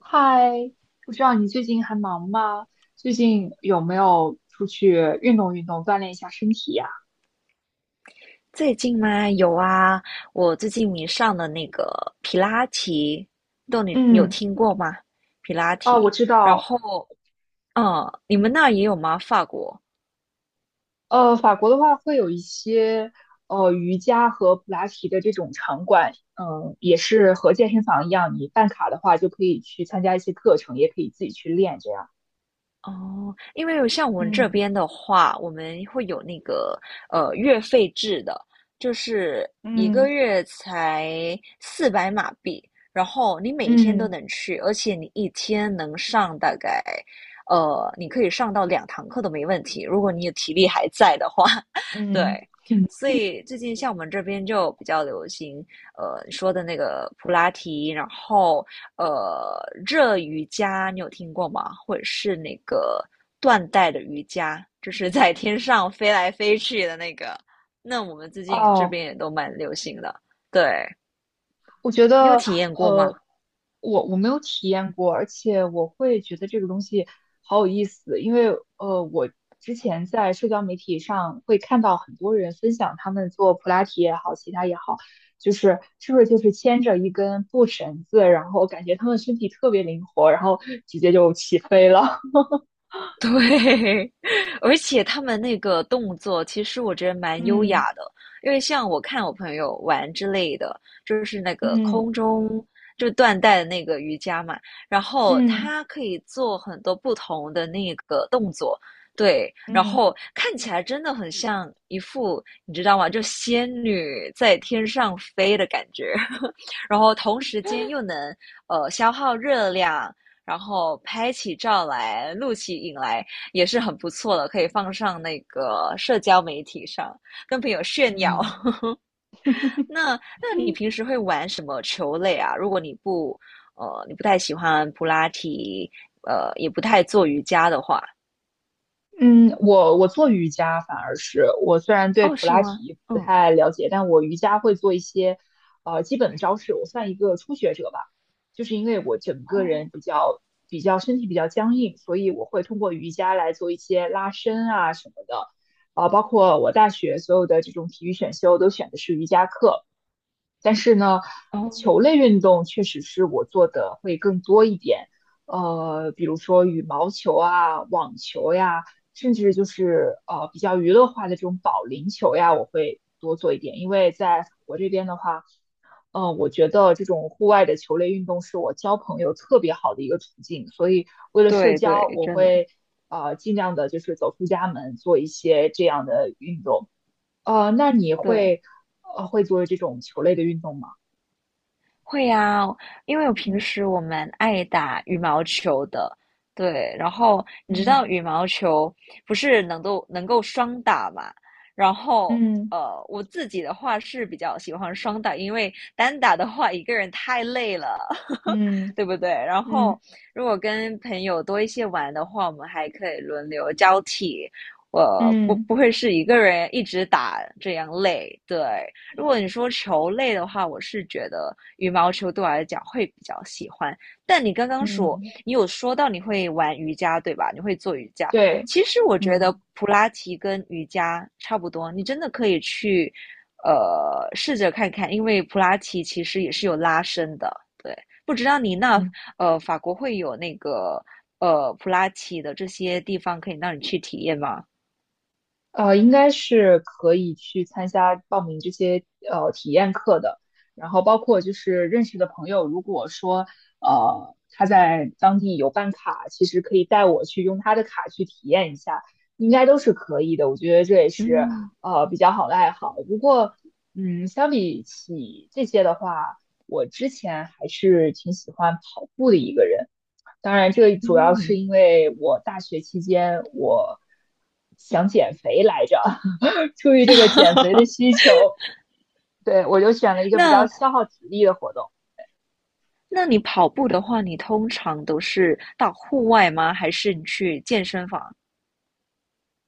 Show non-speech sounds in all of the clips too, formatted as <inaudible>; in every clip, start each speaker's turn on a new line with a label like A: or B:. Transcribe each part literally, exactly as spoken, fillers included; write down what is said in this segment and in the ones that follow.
A: 嗨，不知道你最近还忙吗？最近有没有出去运动运动，锻炼一下身体呀？
B: 最近吗？有啊，我最近迷上了那个皮拉提，不知道你有
A: 嗯，
B: 听过吗？皮拉
A: 哦，我
B: 提，
A: 知
B: 然
A: 道，
B: 后，嗯，你们那儿也有吗？法国？
A: 呃，法国的话会有一些呃瑜伽和普拉提的这种场馆，嗯，也是和健身房一样，你办卡的话就可以去参加一些课程，也可以自己去练这样。
B: 哦，因为有像我们这
A: 嗯
B: 边的话，我们会有那个呃月费制的，就是一
A: 嗯
B: 个月才四百马币，然后你每一天都
A: 嗯
B: 能去，而且你一天能上大概呃，你可以上到两堂课都没问题，如果你的体力还在的话，<laughs> 对。
A: 嗯，嗯，
B: 所以最近像我们这边就比较流行，呃，你说的那个普拉提，然后呃，热瑜伽你有听过吗？或者是那个断带的瑜伽，就是在天上飞来飞去的那个。那我们最
A: <laughs>
B: 近这
A: 哦，
B: 边也都蛮流行的，对，
A: 我觉
B: 你有
A: 得，
B: 体验过
A: 呃，
B: 吗？
A: 我我没有体验过，而且我会觉得这个东西好有意思，因为呃，我之前在社交媒体上会看到很多人分享他们做普拉提也好，其他也好，就是是不是就是牵着一根布绳子，然后感觉他们身体特别灵活，然后直接就起飞了。
B: 对，<laughs> 而且他们那个动作，其实我觉得
A: <laughs>
B: 蛮优
A: 嗯
B: 雅的，因为像我看我朋友玩之类的，就是那个
A: 嗯
B: 空中就断带的那个瑜伽嘛，然后
A: 嗯
B: 他可以做很多不同的那个动作，对，然
A: 嗯
B: 后看起来真的很像一副你知道吗？就仙女在天上飞的感觉，<laughs> 然后同时间又能呃消耗热量，然后拍起照来、录起影来也是很不错的，可以放上那个社交媒体上跟朋友炫耀。
A: 嗯。
B: <laughs> 那那你平时会玩什么球类啊？如果你不呃你不太喜欢普拉提，呃也不太做瑜伽的话？
A: 嗯，我我做瑜伽反而是我虽然对
B: 哦，
A: 普
B: 是
A: 拉
B: 吗？
A: 提不
B: 嗯，哦。
A: 太了解，但我瑜伽会做一些呃基本的招式，我算一个初学者吧。就是因为我整个人比较比较身体比较僵硬，所以我会通过瑜伽来做一些拉伸啊什么的。啊、包括我大学所有的这种体育选修都选的是瑜伽课，但是呢，
B: 哦，
A: 球类运动确实是我做的会更多一点，呃，比如说羽毛球啊、网球呀，甚至就是呃比较娱乐化的这种保龄球呀，我会多做一点。因为在法国这边的话，呃，我觉得这种户外的球类运动是我交朋友特别好的一个途径，所以为了社
B: 对
A: 交，
B: 对，
A: 我
B: 真的。
A: 会呃尽量的就是走出家门做一些这样的运动。呃，那你
B: 对。
A: 会呃会做这种球类的运动吗？
B: 会呀，因为我平
A: 嗯
B: 时我蛮爱打羽毛球的，对。然后你知道
A: 嗯
B: 羽毛球不是能够能够双打嘛？然后
A: 嗯
B: 呃，我自己的话是比较喜欢双打，因为单打的话一个人太累了。
A: 嗯
B: 对不对？然后
A: 嗯
B: 如果跟朋友多一些玩的话，我们还可以轮流交替。我不
A: 嗯
B: 不会是一个人一直打这样累，对。如果你说球类的话，我是觉得羽毛球对我来讲会比较喜欢。但你刚刚
A: 嗯，
B: 说
A: 嗯
B: 你有说到你会玩瑜伽，对吧？你会做瑜伽。
A: 对，
B: 其实我觉得
A: 嗯
B: 普拉提跟瑜伽差不多，你真的可以去呃试着看看，因为普拉提其实也是有拉伸的，对。不知道你那
A: 嗯。
B: 呃法国会有那个呃普拉提的这些地方可以让你去体验吗？
A: 呃，应该是可以去参加报名这些呃体验课的，然后包括就是认识的朋友，如果说呃他在当地有办卡，其实可以带我去用他的卡去体验一下，应该都是可以的。我觉得这也是
B: 嗯。
A: 呃比较好的爱好。不过，嗯，相比起这些的话，我之前还是挺喜欢跑步的一个人。当然，这主要是
B: 嗯，
A: 因为我大学期间我想减肥来着，<laughs> 出于这个减肥的需求，对我就选了一个比较
B: 那
A: 消耗体力的活动。
B: 那你跑步的话，你通常都是到户外吗？还是你去健身房？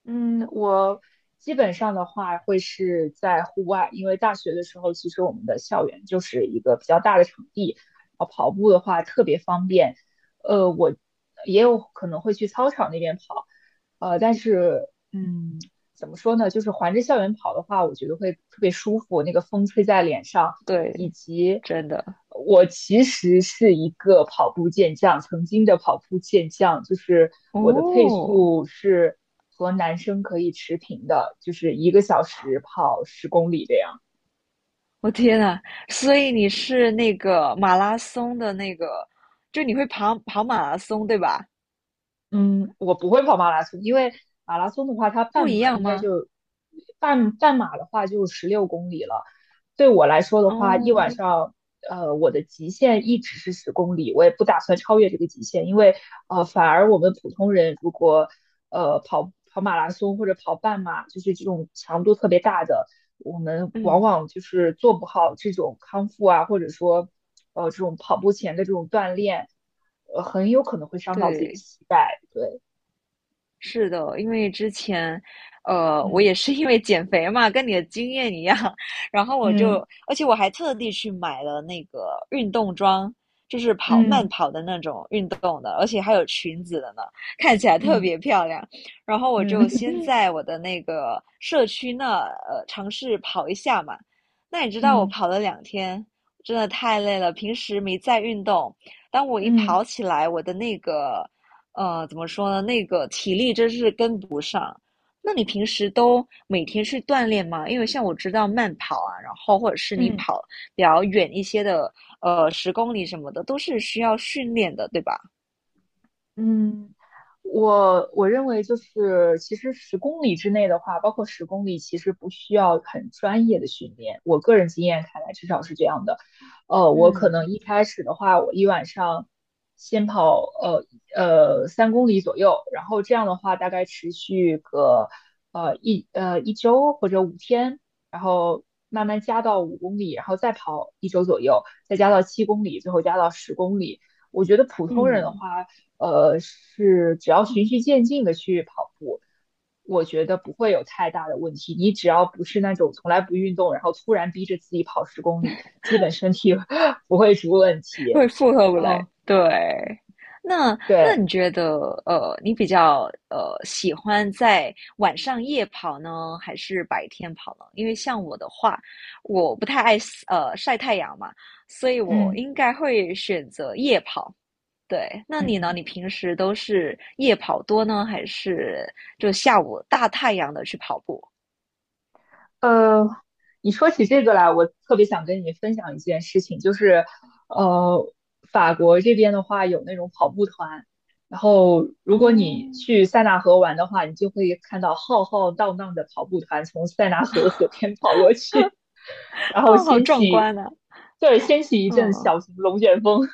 A: 嗯，我基本上的话会是在户外，因为大学的时候，其实我们的校园就是一个比较大的场地，啊，跑步的话特别方便。呃，我也有可能会去操场那边跑，呃，但是嗯，怎么说呢，就是环着校园跑的话，我觉得会特别舒服，那个风吹在脸上，以
B: 对，
A: 及
B: 真的。
A: 我其实是一个跑步健将，曾经的跑步健将，就是我的配
B: 哦，
A: 速是和男生可以持平的，就是一个小时跑十公里这样。
B: 我天呐，所以你是那个马拉松的那个，就你会跑跑马拉松对吧？
A: 嗯，我不会跑马拉松，因为马拉松的话，它
B: 不
A: 半
B: 一
A: 马
B: 样
A: 应该
B: 吗？
A: 就半半马的话就十六公里了，对我来说的话，一晚
B: 哦，
A: 上，呃，我的极限一直是十公里，我也不打算超越这个极限，因为呃，反而我们普通人如果呃跑跑马拉松或者跑半马，就是这种强度特别大的，我们往
B: 嗯，
A: 往就是做不好这种康复啊，或者说呃这种跑步前的这种锻炼，呃，很有可能会伤到自己的
B: 对。
A: 膝盖。对，
B: 是的，因为之前，呃，我也
A: 嗯
B: 是因为减肥嘛，跟你的经验一样，<laughs> 然后我就，
A: 嗯
B: 而且我还特地去买了那个运动装，就是跑慢
A: 嗯
B: 跑的那种运动的，而且还有裙子的呢，看起来特
A: 嗯
B: 别漂亮。然后我
A: 嗯
B: 就先
A: 嗯
B: 在我的那个社区那，呃，尝试跑一下嘛。那你知道我
A: 嗯
B: 跑
A: 嗯。
B: 了两天，真的太累了，平时没在运动，当我一
A: 嗯嗯
B: 跑起来，我的那个。呃，怎么说呢？那个体力真是跟不上。那你平时都每天去锻炼吗？因为像我知道慢跑啊，然后或者是你
A: 嗯
B: 跑比较远一些的，呃，十公里什么的，都是需要训练的，对吧？
A: 嗯，我我认为就是，其实十公里之内的话，包括十公里，其实不需要很专业的训练。我个人经验看来，至少是这样的。呃，我可能
B: 嗯
A: 一开始的话，我一晚上先跑呃呃三公里左右，然后这样的话大概持续个呃一呃一周或者五天，然后慢慢加到五公里，然后再跑一周左右，再加到七公里，最后加到十公里。我觉得普通人的
B: 嗯。
A: 话，呃，是只要循序渐进的去跑步，我觉得不会有太大的问题。你只要不是那种从来不运动，然后突然逼着自己跑十公里，基本身体 <laughs> 不会出问题。
B: 会负荷不来。
A: 哦，
B: 对，那那
A: 对，
B: 你觉得，呃，你比较呃喜欢在晚上夜跑呢，还是白天跑呢？因为像我的话，我不太爱呃晒太阳嘛，所以我
A: 嗯
B: 应该会选择夜跑。对，那你呢？
A: 嗯。
B: 你平时都是夜跑多呢，还是就下午大太阳的去跑步？
A: 呃，你说起这个来，我特别想跟你分享一件事情，就是，呃，法国这边的话有那种跑步团，然后如果你
B: 哦，
A: 去塞纳河玩的话，你就会看到浩浩荡荡的跑步团从塞纳河河边跑过去，<laughs> 然
B: <laughs>
A: 后
B: 哦，好
A: 掀
B: 壮
A: 起，
B: 观啊！
A: 对，掀起一阵
B: 嗯，
A: 小型龙卷风，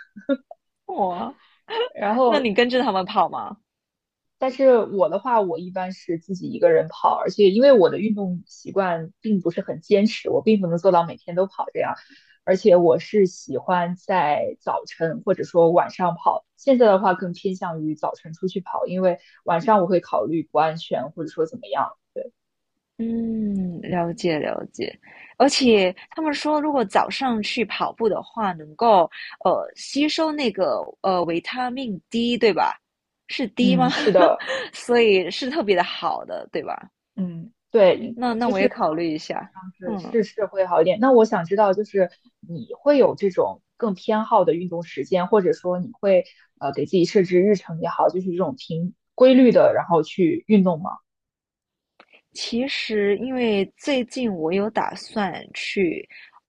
B: 哇，
A: <laughs> 然
B: 那
A: 后
B: 你跟着他们跑吗？
A: 但是我的话，我一般是自己一个人跑，而且因为我的运动习惯并不是很坚持，我并不能做到每天都跑这样。而且我是喜欢在早晨或者说晚上跑，现在的话更偏向于早晨出去跑，因为晚上我会考虑不安全或者说怎么样。对，
B: 嗯，了解了解，而且他们说，如果早上去跑步的话，能够呃吸收那个呃维他命 D，对吧？是 D
A: 嗯，
B: 吗？
A: 是的，
B: <laughs> 所以是特别的好的，对吧？
A: 嗯，对，
B: 那那
A: 就
B: 我
A: 是
B: 也
A: 早
B: 考虑一下。
A: 上是
B: 嗯
A: 是是会好一点。那我想知道，就是你会有这种更偏好的运动时间，或者说你会呃给自己设置日程也好，就是这种平规律的，然后去运动吗？
B: 其实，因为最近我有打算去，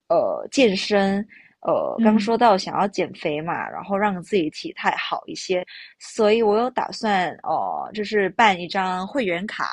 B: 呃，健身，呃，刚
A: 嗯
B: 说到想要减肥嘛，然后让自己体态好一些，所以我有打算，哦，就是办一张会员卡，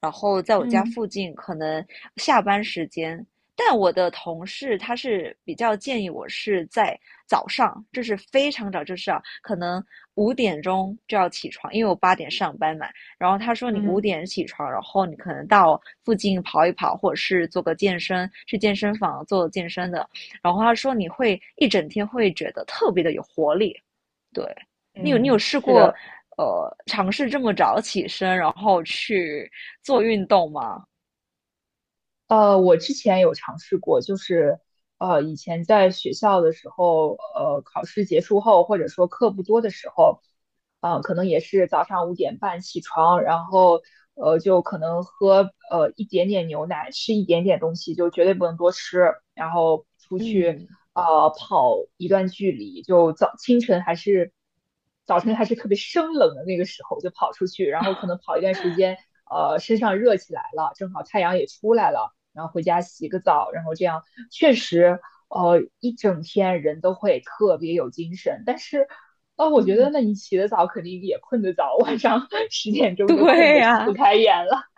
B: 然后在我家
A: 嗯
B: 附近，可能下班时间。但我的同事他是比较建议我是在早上，就是非常早，就是啊，可能五点钟就要起床，因为我八点上班嘛。然后他说你五
A: 嗯
B: 点起床，然后你可能到附近跑一跑，或者是做个健身，去健身房做健身的。然后他说你会一整天会觉得特别的有活力。对，你有你有
A: 嗯，
B: 试
A: 是
B: 过
A: 的，
B: 呃尝试这么早起身，然后去做运动吗？
A: 呃，我之前有尝试过，就是呃，以前在学校的时候，呃，考试结束后，或者说课不多的时候，呃，可能也是早上五点半起床，然后呃，就可能喝呃一点点牛奶，吃一点点东西，就绝对不能多吃，然后出去
B: 嗯
A: 呃跑一段距离，就早清晨还是早晨还是特别生冷的那个时候，就跑出去，然后可能跑一段时间，呃，身上热起来了，正好太阳也出来了。然后回家洗个澡，然后这样确实，呃，一整天人都会特别有精神。但是，呃，我觉得
B: 嗯，
A: 那你起得早肯定也困得早，晚上 <laughs> 十点
B: <laughs>
A: 钟就困
B: 对
A: 得睁不
B: 呀、
A: 开眼了。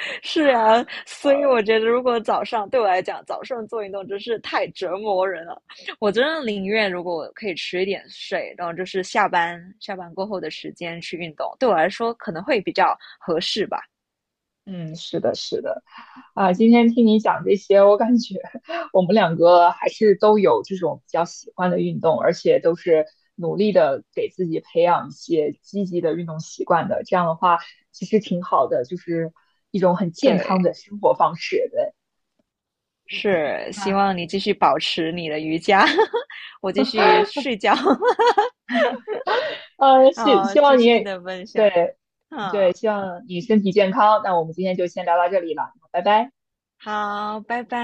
B: <laughs> 是呀，所以我觉得如果早上对我来讲，早上做运动真是太折磨人了。我真的宁愿如果我可以迟一点睡，然后就是下班下班过后的时间去运动，对我来说可能会比较合适吧。
A: 嗯，是的，是的，啊，今天听你讲这些，我感觉我们两个还是都有这种比较喜欢的运动，而且都是努力的给自己培养一些积极的运动习惯的。这样的话，其实挺好的，就是一种很健康
B: 对，
A: 的生活方式。对，
B: 是希
A: 那
B: 望你继续保持你的瑜伽，<laughs> 我继续睡觉。<laughs>
A: 呃，希
B: 好，
A: 希
B: 谢
A: 望
B: 谢你
A: 你，
B: 的分享。
A: 对对，
B: 嗯，
A: 希望你身体健康。那我们今天就先聊到这里了，拜拜。
B: 好，拜拜。